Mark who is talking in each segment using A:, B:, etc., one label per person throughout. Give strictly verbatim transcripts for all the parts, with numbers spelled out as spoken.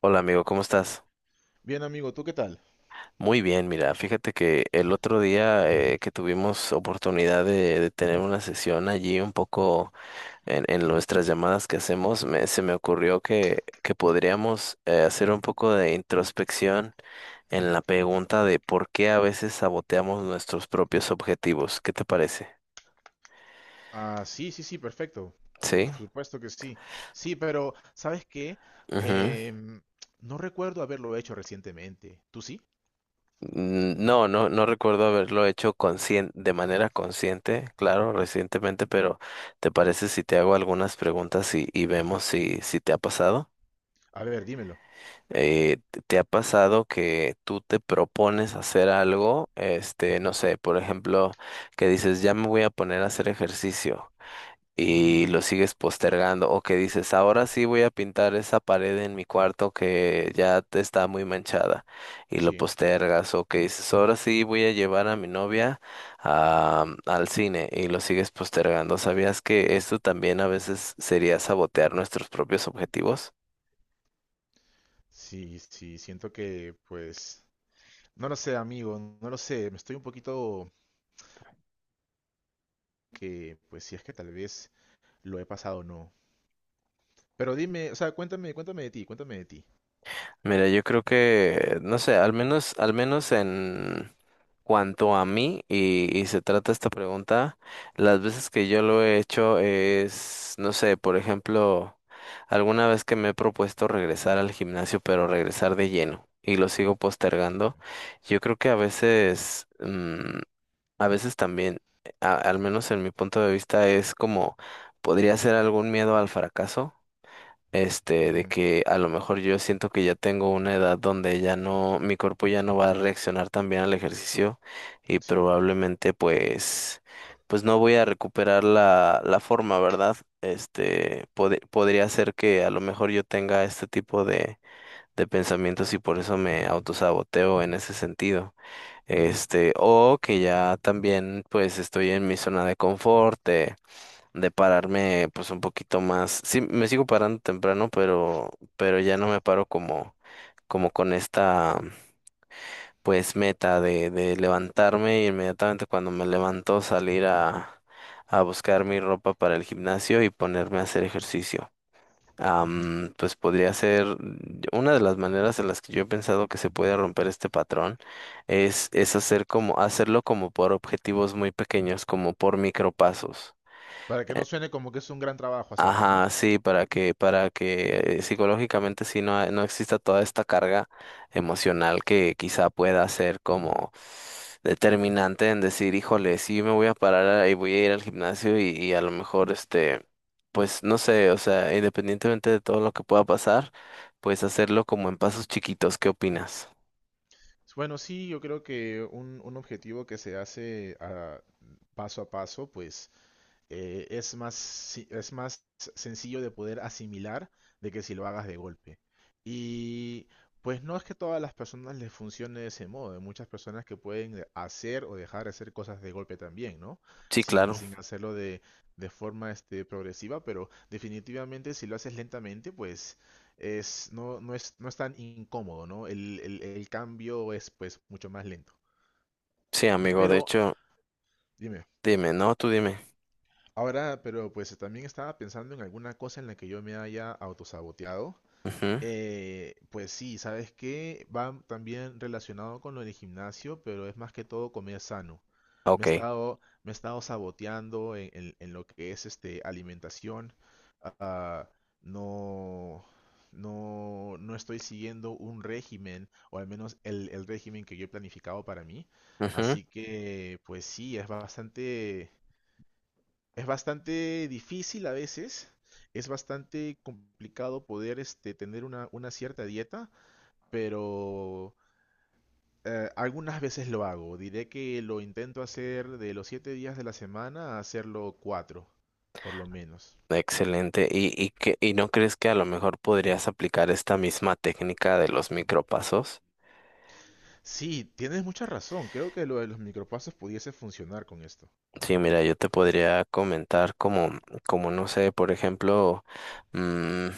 A: Hola amigo, ¿cómo estás?
B: Bien, amigo, ¿tú qué tal?
A: Muy bien, mira, fíjate que el otro día eh, que tuvimos oportunidad de, de tener una sesión allí un poco en, en nuestras llamadas que hacemos, me, se me ocurrió que, que podríamos eh, hacer un poco de introspección en la pregunta de por qué a veces saboteamos nuestros propios objetivos. ¿Qué te parece?
B: Ah, sí, sí, sí, perfecto. Por
A: Sí.
B: supuesto que sí. Sí, pero ¿sabes qué?
A: Ujú.
B: Em, no recuerdo haberlo hecho recientemente. ¿Tú sí?
A: Mm, no, no, no recuerdo haberlo hecho conscien- de manera consciente, claro, recientemente, pero ¿te parece si te hago algunas preguntas y, y vemos si, si te ha pasado?
B: A ver, dímelo.
A: Eh, ¿te te ha pasado que tú te propones hacer algo, este, no sé, por ejemplo, que dices, ya me voy a poner a hacer ejercicio,
B: Ujú.
A: y lo sigues postergando, o que dices, ahora sí voy a pintar esa pared en mi cuarto que ya te está muy manchada, y lo
B: Sí,
A: postergas, o que dices, ahora sí voy a llevar a mi novia a- al cine y lo sigues postergando. ¿Sabías que esto también a veces sería sabotear nuestros propios objetivos?
B: sí, sí, siento que, pues, no lo sé, amigo, no lo sé. Me estoy un poquito que, pues, si es que tal vez lo he pasado o no. Pero dime, o sea, cuéntame, cuéntame de ti, cuéntame de ti.
A: Mira, yo creo que, no sé, al menos, al menos en cuanto a mí y, y se trata esta pregunta, las veces que yo lo he hecho es, no sé, por ejemplo, alguna vez que me he propuesto regresar al gimnasio, pero regresar de lleno y lo sigo postergando, yo creo que a veces, mm, a veces también, a- al menos en mi punto de vista, es como, podría ser algún miedo al fracaso, este, de
B: Ujú.
A: que a lo mejor yo siento que ya tengo una edad donde ya no, mi cuerpo ya no va a reaccionar tan bien al ejercicio y
B: Sí.
A: probablemente pues, pues no voy a recuperar la, la forma, ¿verdad? Este, pod- podría ser que a lo mejor yo tenga este tipo de, de pensamientos y por eso me autosaboteo en ese sentido.
B: Ujú.
A: Este, o que ya también pues estoy en mi zona de confort, eh, de pararme pues un poquito más. Sí, me sigo parando temprano, pero, pero ya no me paro como, como con esta pues meta de, de levantarme y inmediatamente cuando me levanto salir a, a buscar mi ropa para el gimnasio y ponerme a hacer ejercicio.
B: Ujú.
A: Am, pues podría ser mm, una de las maneras en las que yo he pensado que se puede romper este patrón es, es hacer como, hacerlo como por objetivos muy pequeños, como por micropasos.
B: Para que no suene como que es un gran trabajo hacerlo, ¿no?
A: Ajá, sí, para que, para que eh, psicológicamente sí no, ha- no exista toda esta carga emocional que quizá pueda ser como determinante en decir, híjole, sí me voy a parar y voy a ir al gimnasio y, y a lo mejor este, pues no sé, o sea, independientemente de todo lo que pueda pasar, pues hacerlo como en pasos chiquitos, ¿qué opinas?
B: Bueno, sí, yo creo que un, un objetivo que se hace ah, paso a paso, pues eh, es más, si- es más sencillo de poder asimilar de que si lo hagas de golpe. Y pues no es que todas las personas les funcione de ese modo. Hay muchas personas que pueden de- hacer o dejar de hacer cosas de golpe también, ¿no?
A: Sí,
B: Sin,
A: claro.
B: sin hacerlo de, de forma este, progresiva, pero definitivamente si lo haces lentamente, pues es, no, no es, no es tan incómodo, ¿no? El, el, el cambio es pues mucho más lento.
A: Sí, amigo, de
B: Pero,
A: hecho,
B: dime.
A: dime, no, tú dime.
B: Ahora, pero pues eh, también estaba pensando en alguna cosa en la que yo me haya autosaboteado.
A: Ujú.
B: Eh, pues sí, ¿sabes qué? Va también relacionado con lo del gimnasio, pero es más que todo comer sano. Me he
A: Ok.
B: estado, me he estado saboteando en, en- en lo que es este alimentación. Ah, no, no, no estoy siguiendo un régimen, o al menos el, el régimen que yo he planificado para mí.
A: Ujú.
B: Así que, pues sí, es bastante. Es bastante difícil a veces, es bastante complicado poder este, tener una, una cierta dieta, pero eh, algunas veces lo hago. Diré que lo intento hacer de los siete días de la semana a hacerlo cuatro, por lo menos.
A: Excelente. ¿Y, y, que, y no crees que a lo mejor podrías aplicar esta misma técnica de los micropasos?
B: Sí, tienes mucha razón. Creo que lo de los micropasos pudiese funcionar con esto.
A: Sí, mira, yo te podría comentar como, como no sé, por ejemplo, mm,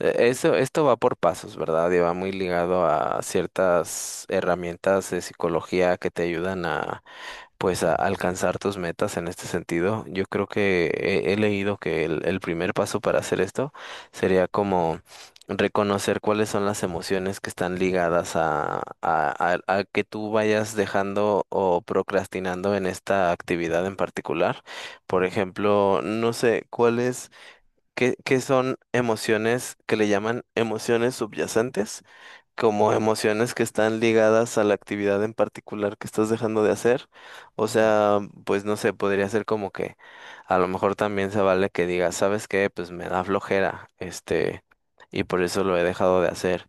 A: eh, eso, esto va por pasos, ¿verdad? Y va muy ligado a ciertas herramientas de psicología que te ayudan a pues a alcanzar tus metas en este sentido. Yo creo que he, he leído que el, el primer paso para hacer esto sería como reconocer cuáles son las emociones que están ligadas a, a, a- a que tú vayas dejando o procrastinando en esta actividad en particular. Por
B: Ujú.
A: ejemplo, no sé cuáles, qué, qué son emociones que le llaman emociones subyacentes como
B: Ujú.
A: emociones que están ligadas a la actividad en particular que estás dejando de hacer. O
B: Ujú.
A: sea, pues no sé, podría ser como que a lo mejor también se vale que digas, ¿sabes qué? Pues me da flojera, este, y por eso lo he dejado de hacer.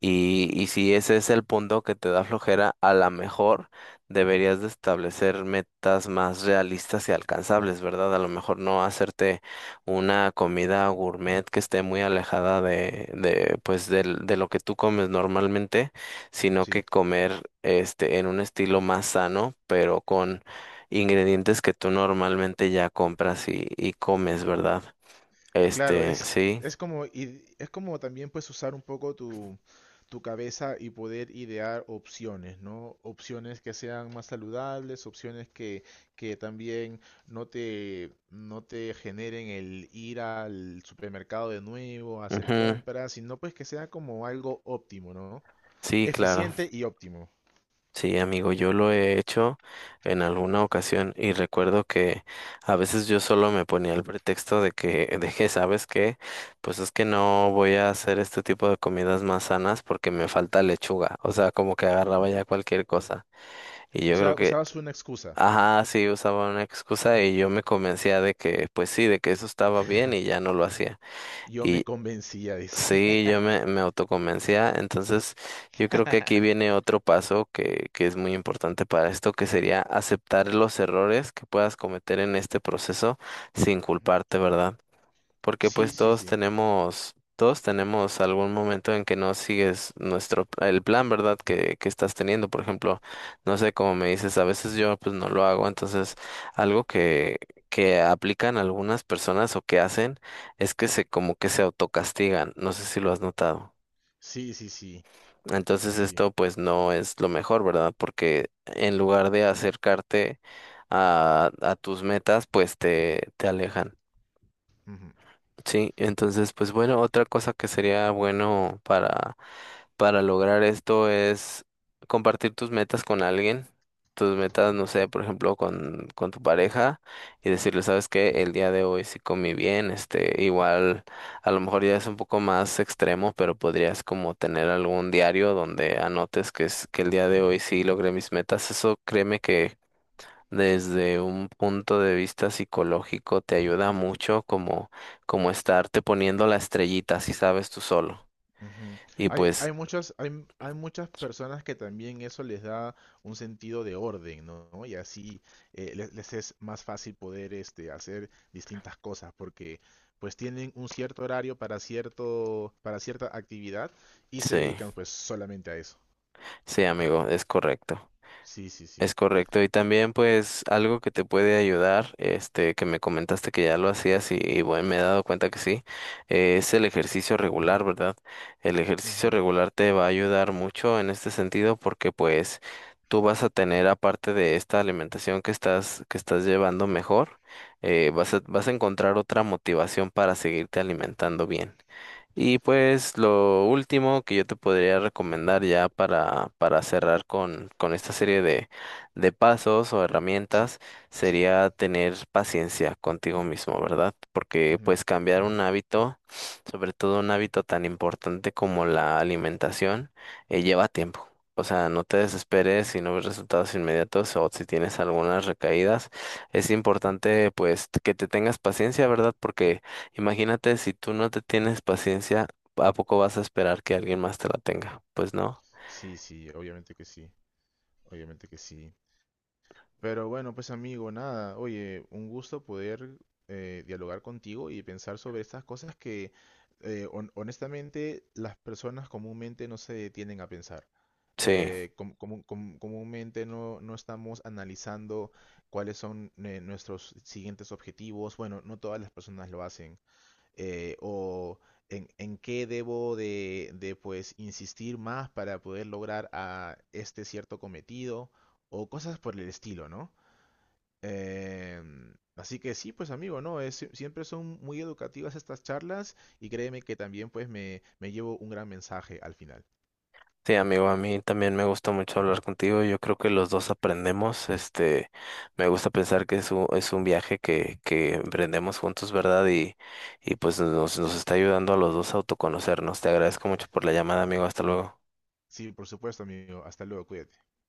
A: Y, y si ese es el punto que te da flojera, a lo mejor deberías de establecer metas más realistas y alcanzables, ¿verdad? A lo mejor no hacerte una comida gourmet que esté muy alejada de, de pues del- de lo que tú comes normalmente, sino
B: Sí.
A: que comer este en un estilo más sano, pero con ingredientes que tú normalmente ya compras y, y comes, ¿verdad?
B: Claro,
A: Este,
B: es,
A: sí.
B: es como, id- es como también pues usar un poco tu, tu cabeza y poder idear opciones, ¿no? Opciones que sean más saludables, opciones que, que también no te, no te generen el ir al supermercado de nuevo a hacer
A: Ujú.
B: compras, sino pues que sea como algo óptimo, ¿no?
A: Sí, claro.
B: Eficiente y óptimo.
A: Sí, amigo, yo lo he hecho en alguna ocasión y recuerdo que a veces yo solo me ponía el pretexto de que, de que, ¿sabes qué? Pues es que no voy a hacer este tipo de comidas más sanas porque me falta lechuga. O sea, como que agarraba ya cualquier cosa. Y
B: O
A: yo creo
B: sea,
A: que,
B: usabas una excusa.
A: ajá, sí, usaba una excusa y yo me convencía de que, pues sí, de que eso estaba bien y ya no lo hacía.
B: Yo me convencía, dice.
A: Sí, yo me, me autoconvencía. Entonces, yo creo que aquí viene otro paso que, que es muy importante para esto, que sería aceptar los errores que puedas cometer en este proceso sin culparte, ¿verdad? Porque
B: Sí,
A: pues
B: sí,
A: todos
B: sí.
A: tenemos, todos tenemos algún momento en que no sigues nuestro, el plan, ¿verdad? Que, que estás teniendo, por ejemplo, no sé, como me dices, a veces yo pues no lo hago, entonces algo que, que aplican algunas personas o que hacen es que se, como que se autocastigan, no sé si lo has notado.
B: Sí, sí, sí.
A: Entonces
B: Sí.
A: esto pues no es lo mejor, ¿verdad? Porque en lugar de acercarte a, a tus metas, pues te, te alejan.
B: Ujú.
A: Sí, entonces, pues bueno, otra cosa que sería bueno para, para lograr esto es compartir tus metas con alguien, tus metas, no sé, por ejemplo, con, con tu pareja y decirle, sabes que el día de hoy sí comí bien, este, igual, a lo mejor ya es un poco más extremo, pero podrías como tener algún diario donde anotes que es, que el día de hoy sí logré mis metas. Eso créeme que desde un punto de vista psicológico te ayuda mucho como, como estarte poniendo la estrellita si sabes tú solo.
B: Ujú.
A: Y
B: Hay,
A: pues
B: hay muchas, hay, m- hay muchas personas que también eso les da un sentido de orden, ¿no? ¿No? Y así eh, les, les es más fácil poder este, hacer distintas cosas porque pues tienen un cierto horario para cierto, para cierta actividad y se
A: sí,
B: dedican pues solamente a eso.
A: sí, amigo, es correcto.
B: Sí, sí, sí.
A: Es correcto. Y también pues algo que te puede ayudar, este, que me comentaste que ya lo hacías y, y bueno, me he dado cuenta que sí, eh, es el ejercicio regular, ¿verdad? El ejercicio
B: Ujú.
A: regular te va a ayudar mucho en este sentido porque pues tú vas a tener aparte de esta alimentación que estás, que estás llevando mejor, eh, vas a, vas a encontrar otra motivación para seguirte alimentando bien. Y pues lo último que yo te podría recomendar ya para, para cerrar con, con esta serie de pasos o
B: Sí,
A: herramientas
B: sí,
A: sería tener paciencia contigo mismo, ¿verdad? Porque
B: ujú,
A: pues cambiar un hábito, sobre todo un hábito tan importante como la alimentación, eh, lleva tiempo. O sea, no te
B: sí,
A: desesperes si no ves resultados inmediatos o si tienes algunas recaídas. Es importante pues que te tengas paciencia, ¿verdad? Porque imagínate si tú no te tienes paciencia, ¿a poco vas a esperar que alguien más te la tenga? Pues no.
B: sí, sí, obviamente que sí, obviamente que sí. Pero bueno, pues amigo, nada, oye, un gusto poder eh, dialogar contigo y pensar sobre estas cosas que eh, hon- honestamente las personas comúnmente no se detienen a pensar.
A: Sí.
B: Eh, com- comú- com- comúnmente no, no estamos analizando cuáles son eh, nuestros siguientes objetivos. Bueno, no todas las personas lo hacen. Eh, o en, en qué debo de, de pues insistir más para poder lograr a este cierto cometido o cosas por el estilo, ¿no? Em, así que sí, pues amigo, ¿no? Es, sie- siempre son muy educativas estas charlas y créeme que también pues me, me llevo un gran mensaje al final.
A: Sí, amigo, a mí también me gusta mucho hablar contigo. Yo creo que los dos aprendemos. Este, me gusta pensar que es un, es un viaje que, que emprendemos juntos, ¿verdad? Y, y pues nos, nos está ayudando a los dos a autoconocernos. Te agradezco mucho por la llamada, amigo. Hasta luego.
B: Sí, por supuesto, amigo. Hasta luego, cuídate.